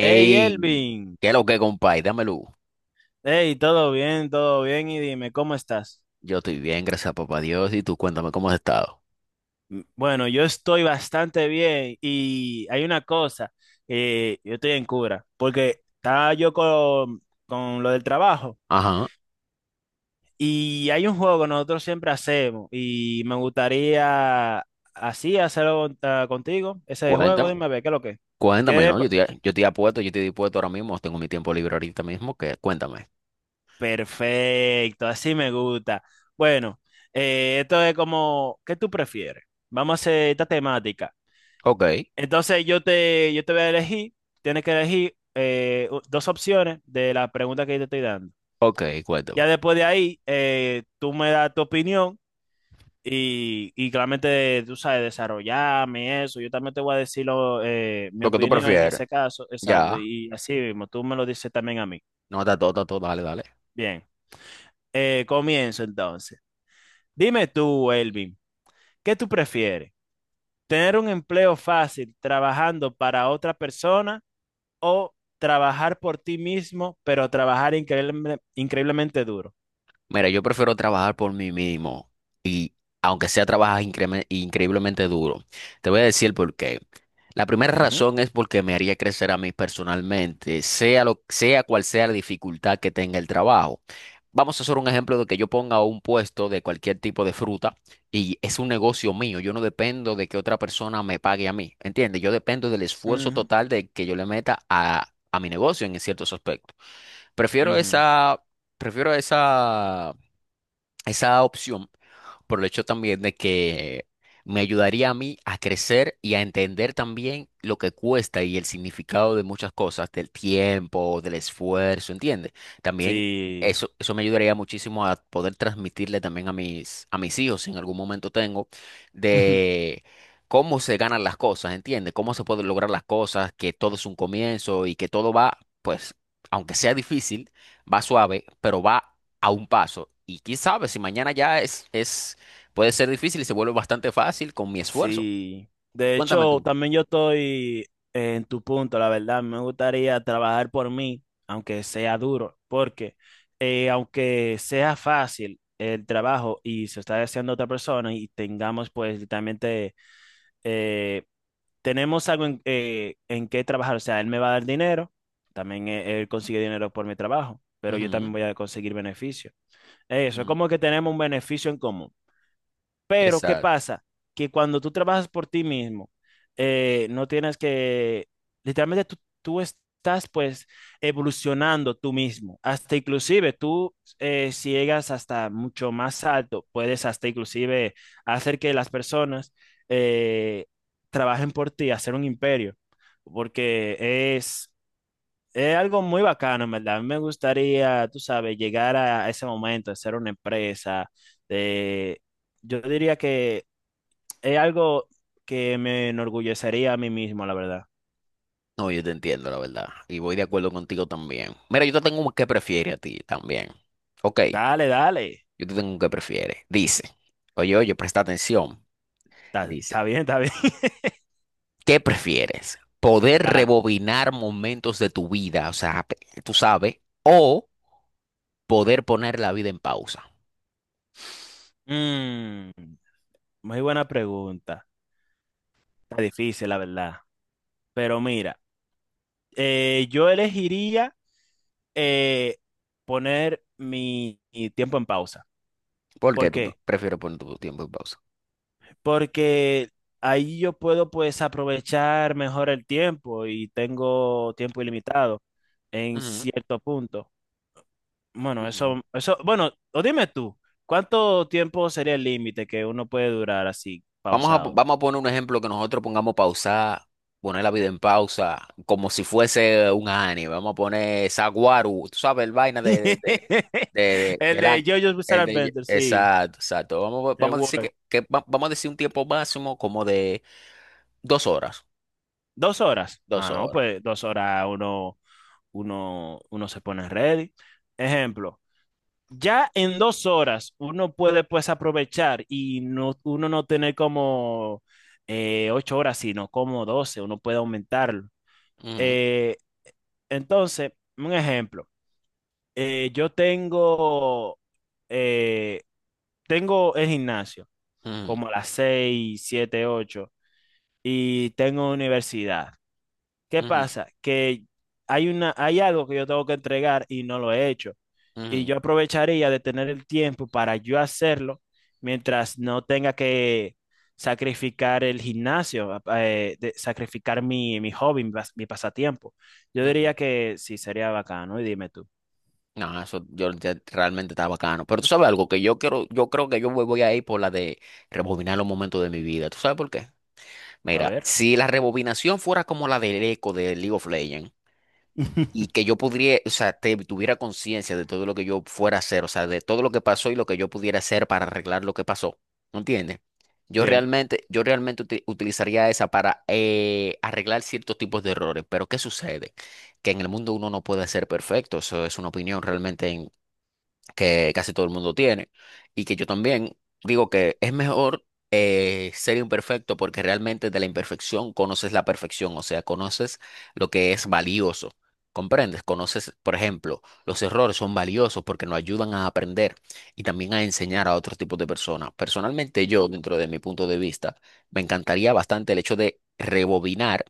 Hey Elvin, ¿qué es lo que, compadre? Dámelo. hey, todo bien, y dime, ¿cómo estás? Yo estoy bien, gracias a papá Dios. Y tú cuéntame cómo has estado. Bueno, yo estoy bastante bien y hay una cosa. Yo estoy en cura, porque estaba yo con lo del trabajo, Ajá, y hay un juego que nosotros siempre hacemos y me gustaría así hacerlo contigo, ese juego. cuéntame, Dime, a ver, ¿qué es lo que? Es? cuéntame, ¿Quieres? ¿no? Yo pa- estoy, yo estoy apuesto, yo estoy dispuesto ahora mismo. Tengo mi tiempo libre ahorita mismo, que cuéntame. Perfecto, así me gusta. Bueno, esto es como ¿qué tú prefieres? Vamos a hacer esta temática. Ok, Entonces yo te voy a elegir, tienes que elegir dos opciones de la pregunta que yo te estoy dando. ok, Ya cuéntame. después de ahí, tú me das tu opinión y claramente tú sabes desarrollarme y eso. Yo también te voy a decir mi Lo que tú opinión en prefieres. ese caso, Ya, exacto. Y así mismo, tú me lo dices también a mí. no, está todo, dale, dale. Bien, comienzo entonces. Dime tú, Elvin, ¿qué tú prefieres? ¿Tener un empleo fácil trabajando para otra persona o trabajar por ti mismo, pero trabajar increíblemente duro? Mira, yo prefiero trabajar por mí mismo y aunque sea trabajar increíblemente duro, te voy a decir el porqué. La primera Ujú, razón es porque me haría crecer a mí personalmente, sea cual sea la dificultad que tenga el trabajo. Vamos a hacer un ejemplo de que yo ponga un puesto de cualquier tipo de fruta y es un negocio mío. Yo no dependo de que otra persona me pague a mí, ¿entiendes? Yo dependo del esfuerzo ujú, total de que yo le meta a mi negocio en ciertos aspectos. Prefiero ujú. esa. Prefiero esa, esa opción por el hecho también de que me ayudaría a mí a crecer y a entender también lo que cuesta y el significado de muchas cosas, del tiempo, del esfuerzo, ¿entiendes? También Sí, eso me ayudaría muchísimo a poder transmitirle también a mis hijos, si en algún momento tengo, de cómo se ganan las cosas, ¿entiendes? Cómo se pueden lograr las cosas, que todo es un comienzo y que todo va, pues, aunque sea difícil, va suave, pero va a un paso. Y quién sabe si mañana ya es, puede ser difícil y se vuelve bastante fácil con mi esfuerzo. sí. De Cuéntame hecho, tú. también yo estoy en tu punto, la verdad. Me gustaría trabajar por mí, aunque sea duro, porque aunque sea fácil el trabajo y se está haciendo otra persona y tengamos pues literalmente, eh, tenemos algo en qué trabajar. O sea, él me va a dar dinero, también él consigue dinero por mi trabajo, pero yo Ujú, también voy a conseguir beneficio. Eso, es ujú. como que tenemos un beneficio en común. Pero ¿qué Exacto. pasa? Que cuando tú trabajas por ti mismo, no tienes que, literalmente tú estás pues evolucionando tú mismo. Hasta inclusive tú, si llegas hasta mucho más alto, puedes hasta inclusive hacer que las personas eh, trabajen por ti, hacer un imperio, porque es es algo muy bacano, en verdad. A mí me gustaría, tú sabes, llegar a ese momento de ser una empresa. De, yo diría que es algo que me enorgullecería a mí mismo, la verdad. No, yo te entiendo, la verdad. Y voy de acuerdo contigo también. Mira, yo te tengo un que prefiere a ti también. Ok, Dale, dale. yo te tengo un que prefiere. Dice, oye, oye, presta atención. Está, está Dice, bien, está bien. ¿qué prefieres? ¿Poder Dale. rebobinar momentos de tu vida? O sea, tú sabes, o poder poner la vida en pausa. Mm, muy buena pregunta. Está difícil, la verdad. Pero mira, yo elegiría eh, poner mi tiempo en pausa. ¿Por ¿Por qué tú qué? prefieres poner tu tiempo en pausa? Porque ahí yo puedo pues aprovechar mejor el tiempo y tengo tiempo ilimitado en cierto punto. Bueno, Ujú. Bueno, o dime tú, ¿cuánto tiempo sería el límite que uno puede durar así, pausado? Vamos a poner un ejemplo que nosotros pongamos pausar, poner la vida en pausa, como si fuese un anime. Vamos a poner Saguaru, tú sabes, el vaina El del de anime. JoJo's Bizarre El de, Adventure, sí, exacto, exacto. The Vamos a decir World. que, vamos a decir un tiempo máximo como de 2 horas. 2 horas. Dos Ah, no, horas. pues 2 horas uno, se pone ready. Ejemplo. Ya en 2 horas uno puede pues aprovechar y no, uno no tener como 8 horas, sino como 12, uno puede aumentarlo. Ujú, Eh, entonces, un ejemplo, eh, yo tengo, eh, tengo el gimnasio ujú, como a las 6, 7, 8, y tengo universidad. ¿Qué ujú, pasa? Que hay algo que yo tengo que entregar y no lo he hecho. Y ujú, yo aprovecharía de tener el tiempo para yo hacerlo mientras no tenga que sacrificar el gimnasio, sacrificar mi hobby, mi pasatiempo. Yo diría ujú. que sí, sería bacano. Y dime tú, No, eso yo ya realmente está bacano. Pero tú sabes algo que yo quiero, yo creo que yo me voy a ir por la de rebobinar los momentos de mi vida. ¿Tú sabes por qué? a Mira, ver. si la rebobinación fuera como la del eco de League of Legends y que yo pudiera, o sea, tuviera conciencia de todo lo que yo fuera a hacer, o sea, de todo lo que pasó y lo que yo pudiera hacer para arreglar lo que pasó, ¿no entiendes? Yo Bien. realmente, yo realmente utilizaría esa para arreglar ciertos tipos de errores, pero ¿qué sucede? Que en el mundo uno no puede ser perfecto, eso es una opinión realmente que casi todo el mundo tiene y que yo también digo que es mejor ser imperfecto porque realmente de la imperfección conoces la perfección, o sea, conoces lo que es valioso. ¿Comprendes? Conoces, por ejemplo, los errores son valiosos porque nos ayudan a aprender y también a enseñar a otros tipos de personas. Personalmente yo, dentro de mi punto de vista, me encantaría bastante el hecho de rebobinar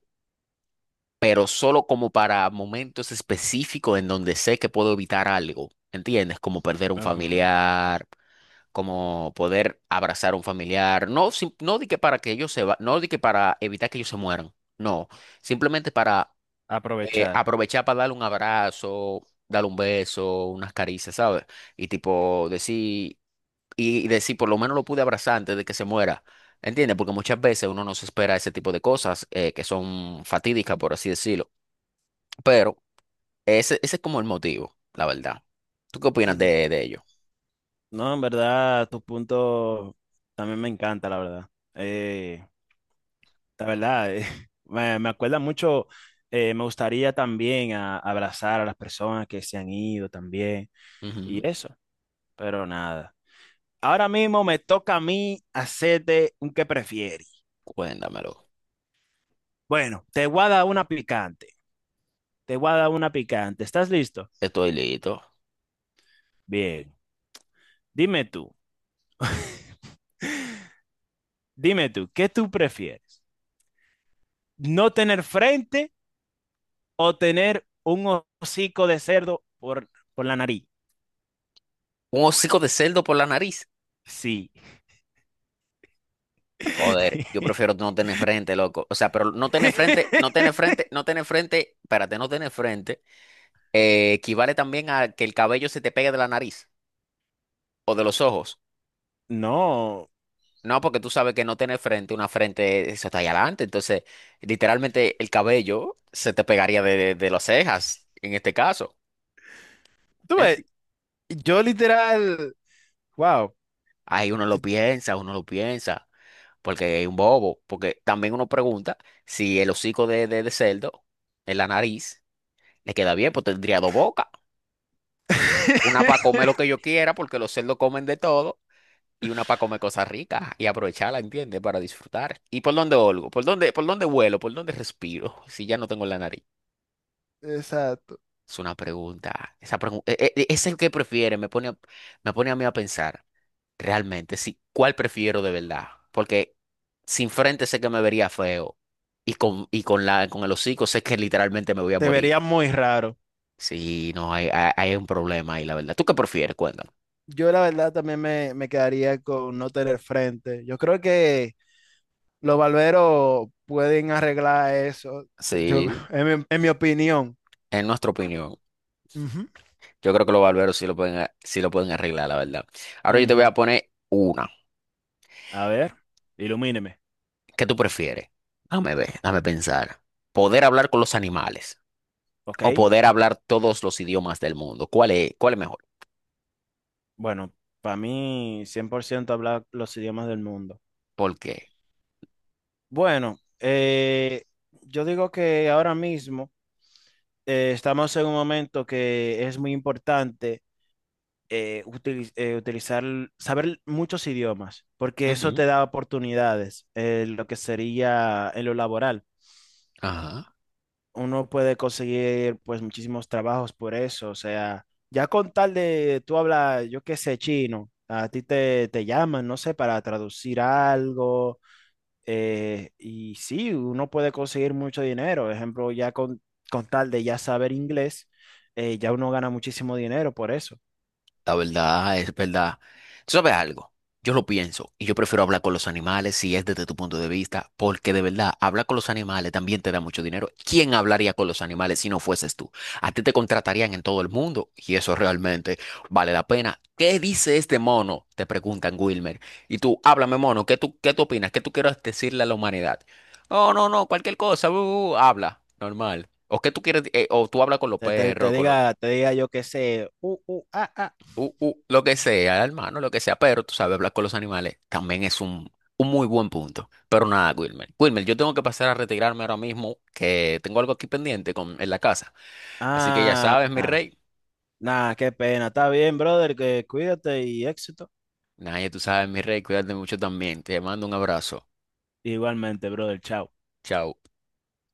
pero solo como para momentos específicos en donde sé que puedo evitar algo, ¿entiendes? Como perder un Ujú. familiar, como poder abrazar a un familiar, no, no di que para que ellos se va, no di que para evitar que ellos se mueran, no, simplemente para Aprovechar. aprovechar para darle un abrazo, darle un beso, unas caricias, ¿sabes? Y tipo decir, y decir, por lo menos lo pude abrazar antes de que se muera. ¿Entiendes? Porque muchas veces uno no se espera ese tipo de cosas que son fatídicas, por así decirlo. Pero ese es como el motivo, la verdad. ¿Tú qué opinas Mm. De ello? No, en verdad, tu punto también me encanta, la verdad. Eh, La verdad, me acuerda mucho, me gustaría también abrazar a las personas que se han ido también Ujú. y eso, pero nada. Ahora mismo me toca a mí hacerte un que prefieres. Cuéntamelo. Bueno, te voy a dar una picante, te voy a dar una picante. ¿Estás listo? Estoy listo. Bien, dime tú, dime tú, ¿qué tú prefieres? ¿No tener frente o tener un hocico de cerdo por la nariz? Un hocico de cerdo por la nariz. Sí. Joder, yo prefiero no tener frente, loco. O sea, pero no tener frente, no tener frente, no tener frente, espérate, no tener frente, equivale también a que el cabello se te pegue de la nariz o de los ojos. No, No, porque tú sabes que no tener frente, una frente, eso está allá adelante. Entonces, literalmente el cabello se te pegaría de las cejas, en este caso. tú ves, yo literal, wow. Ahí uno lo piensa, porque es un bobo, porque también uno pregunta si el hocico de cerdo en la nariz le queda bien, pues tendría dos bocas, una para comer lo que yo quiera, porque los cerdos comen de todo, y una para comer cosas ricas y aprovecharla, ¿entiendes? Para disfrutar. ¿Y por dónde olgo? Por dónde vuelo? ¿Por dónde respiro? Si ya no tengo la nariz. Exacto. Es una pregunta. Esa pregunta es el que prefiere, me pone a mí a pensar. Realmente, sí. ¿Cuál prefiero de verdad? Porque sin frente sé que me vería feo. Y con el hocico sé que literalmente me voy a Te morir. vería muy raro. Sí, no, hay un problema ahí, la verdad. ¿Tú qué prefieres? Cuéntame. Yo la verdad también me quedaría con no tener frente. Yo creo que los barberos pueden arreglar eso. Yo, Sí, en mi opinión. en nuestra opinión. Ujú. Yo creo que los barberos sí lo pueden, sí lo pueden arreglar, la verdad. Ahora yo te voy Ujú. a poner una. A ver, ilumíneme. ¿Qué tú prefieres? Dame ver, dame pensar. ¿Poder hablar con los animales Ok. o poder hablar todos los idiomas del mundo? Cuál es mejor? Bueno, para mí 100% hablar los idiomas del mundo. ¿Por qué? Bueno, yo digo que ahora mismo estamos en un momento que es muy importante utilizar, saber muchos idiomas, porque eso Ujú. te da oportunidades en lo que sería en lo laboral. Ajá. Uno puede conseguir pues muchísimos trabajos por eso, o sea, ya con tal de tú hablas, yo qué sé, chino, a ti te llaman, no sé, para traducir algo, y sí, uno puede conseguir mucho dinero. Por ejemplo, ya con tal de ya saber inglés, ya uno gana muchísimo dinero por eso. La verdad es verdad. Tú sabes algo, yo lo pienso y yo prefiero hablar con los animales si es desde tu punto de vista, porque de verdad, hablar con los animales también te da mucho dinero. ¿Quién hablaría con los animales si no fueses tú? A ti te contratarían en todo el mundo y eso realmente vale la pena. ¿Qué dice este mono? Te preguntan Wilmer. Y tú, háblame mono, qué tú opinas? ¿Qué tú quieres decirle a la humanidad? No, no, no, cualquier cosa, habla, normal. O qué tú quieres, o tú hablas con los perros, con los Te diga yo que sé, ah, ah, lo que sea, hermano, lo que sea, pero tú sabes, hablar con los animales también es un muy buen punto. Pero nada, Wilmer. Wilmer, yo tengo que pasar a retirarme ahora mismo, que tengo algo aquí pendiente en la casa. Así que ya sabes, mi ah, rey. nada, qué pena. Está bien, brother, que cuídate y éxito. Nada Nadie, tú sabes, mi rey, cuídate mucho también. Te mando un abrazo. Igualmente, brother, chao. Chao.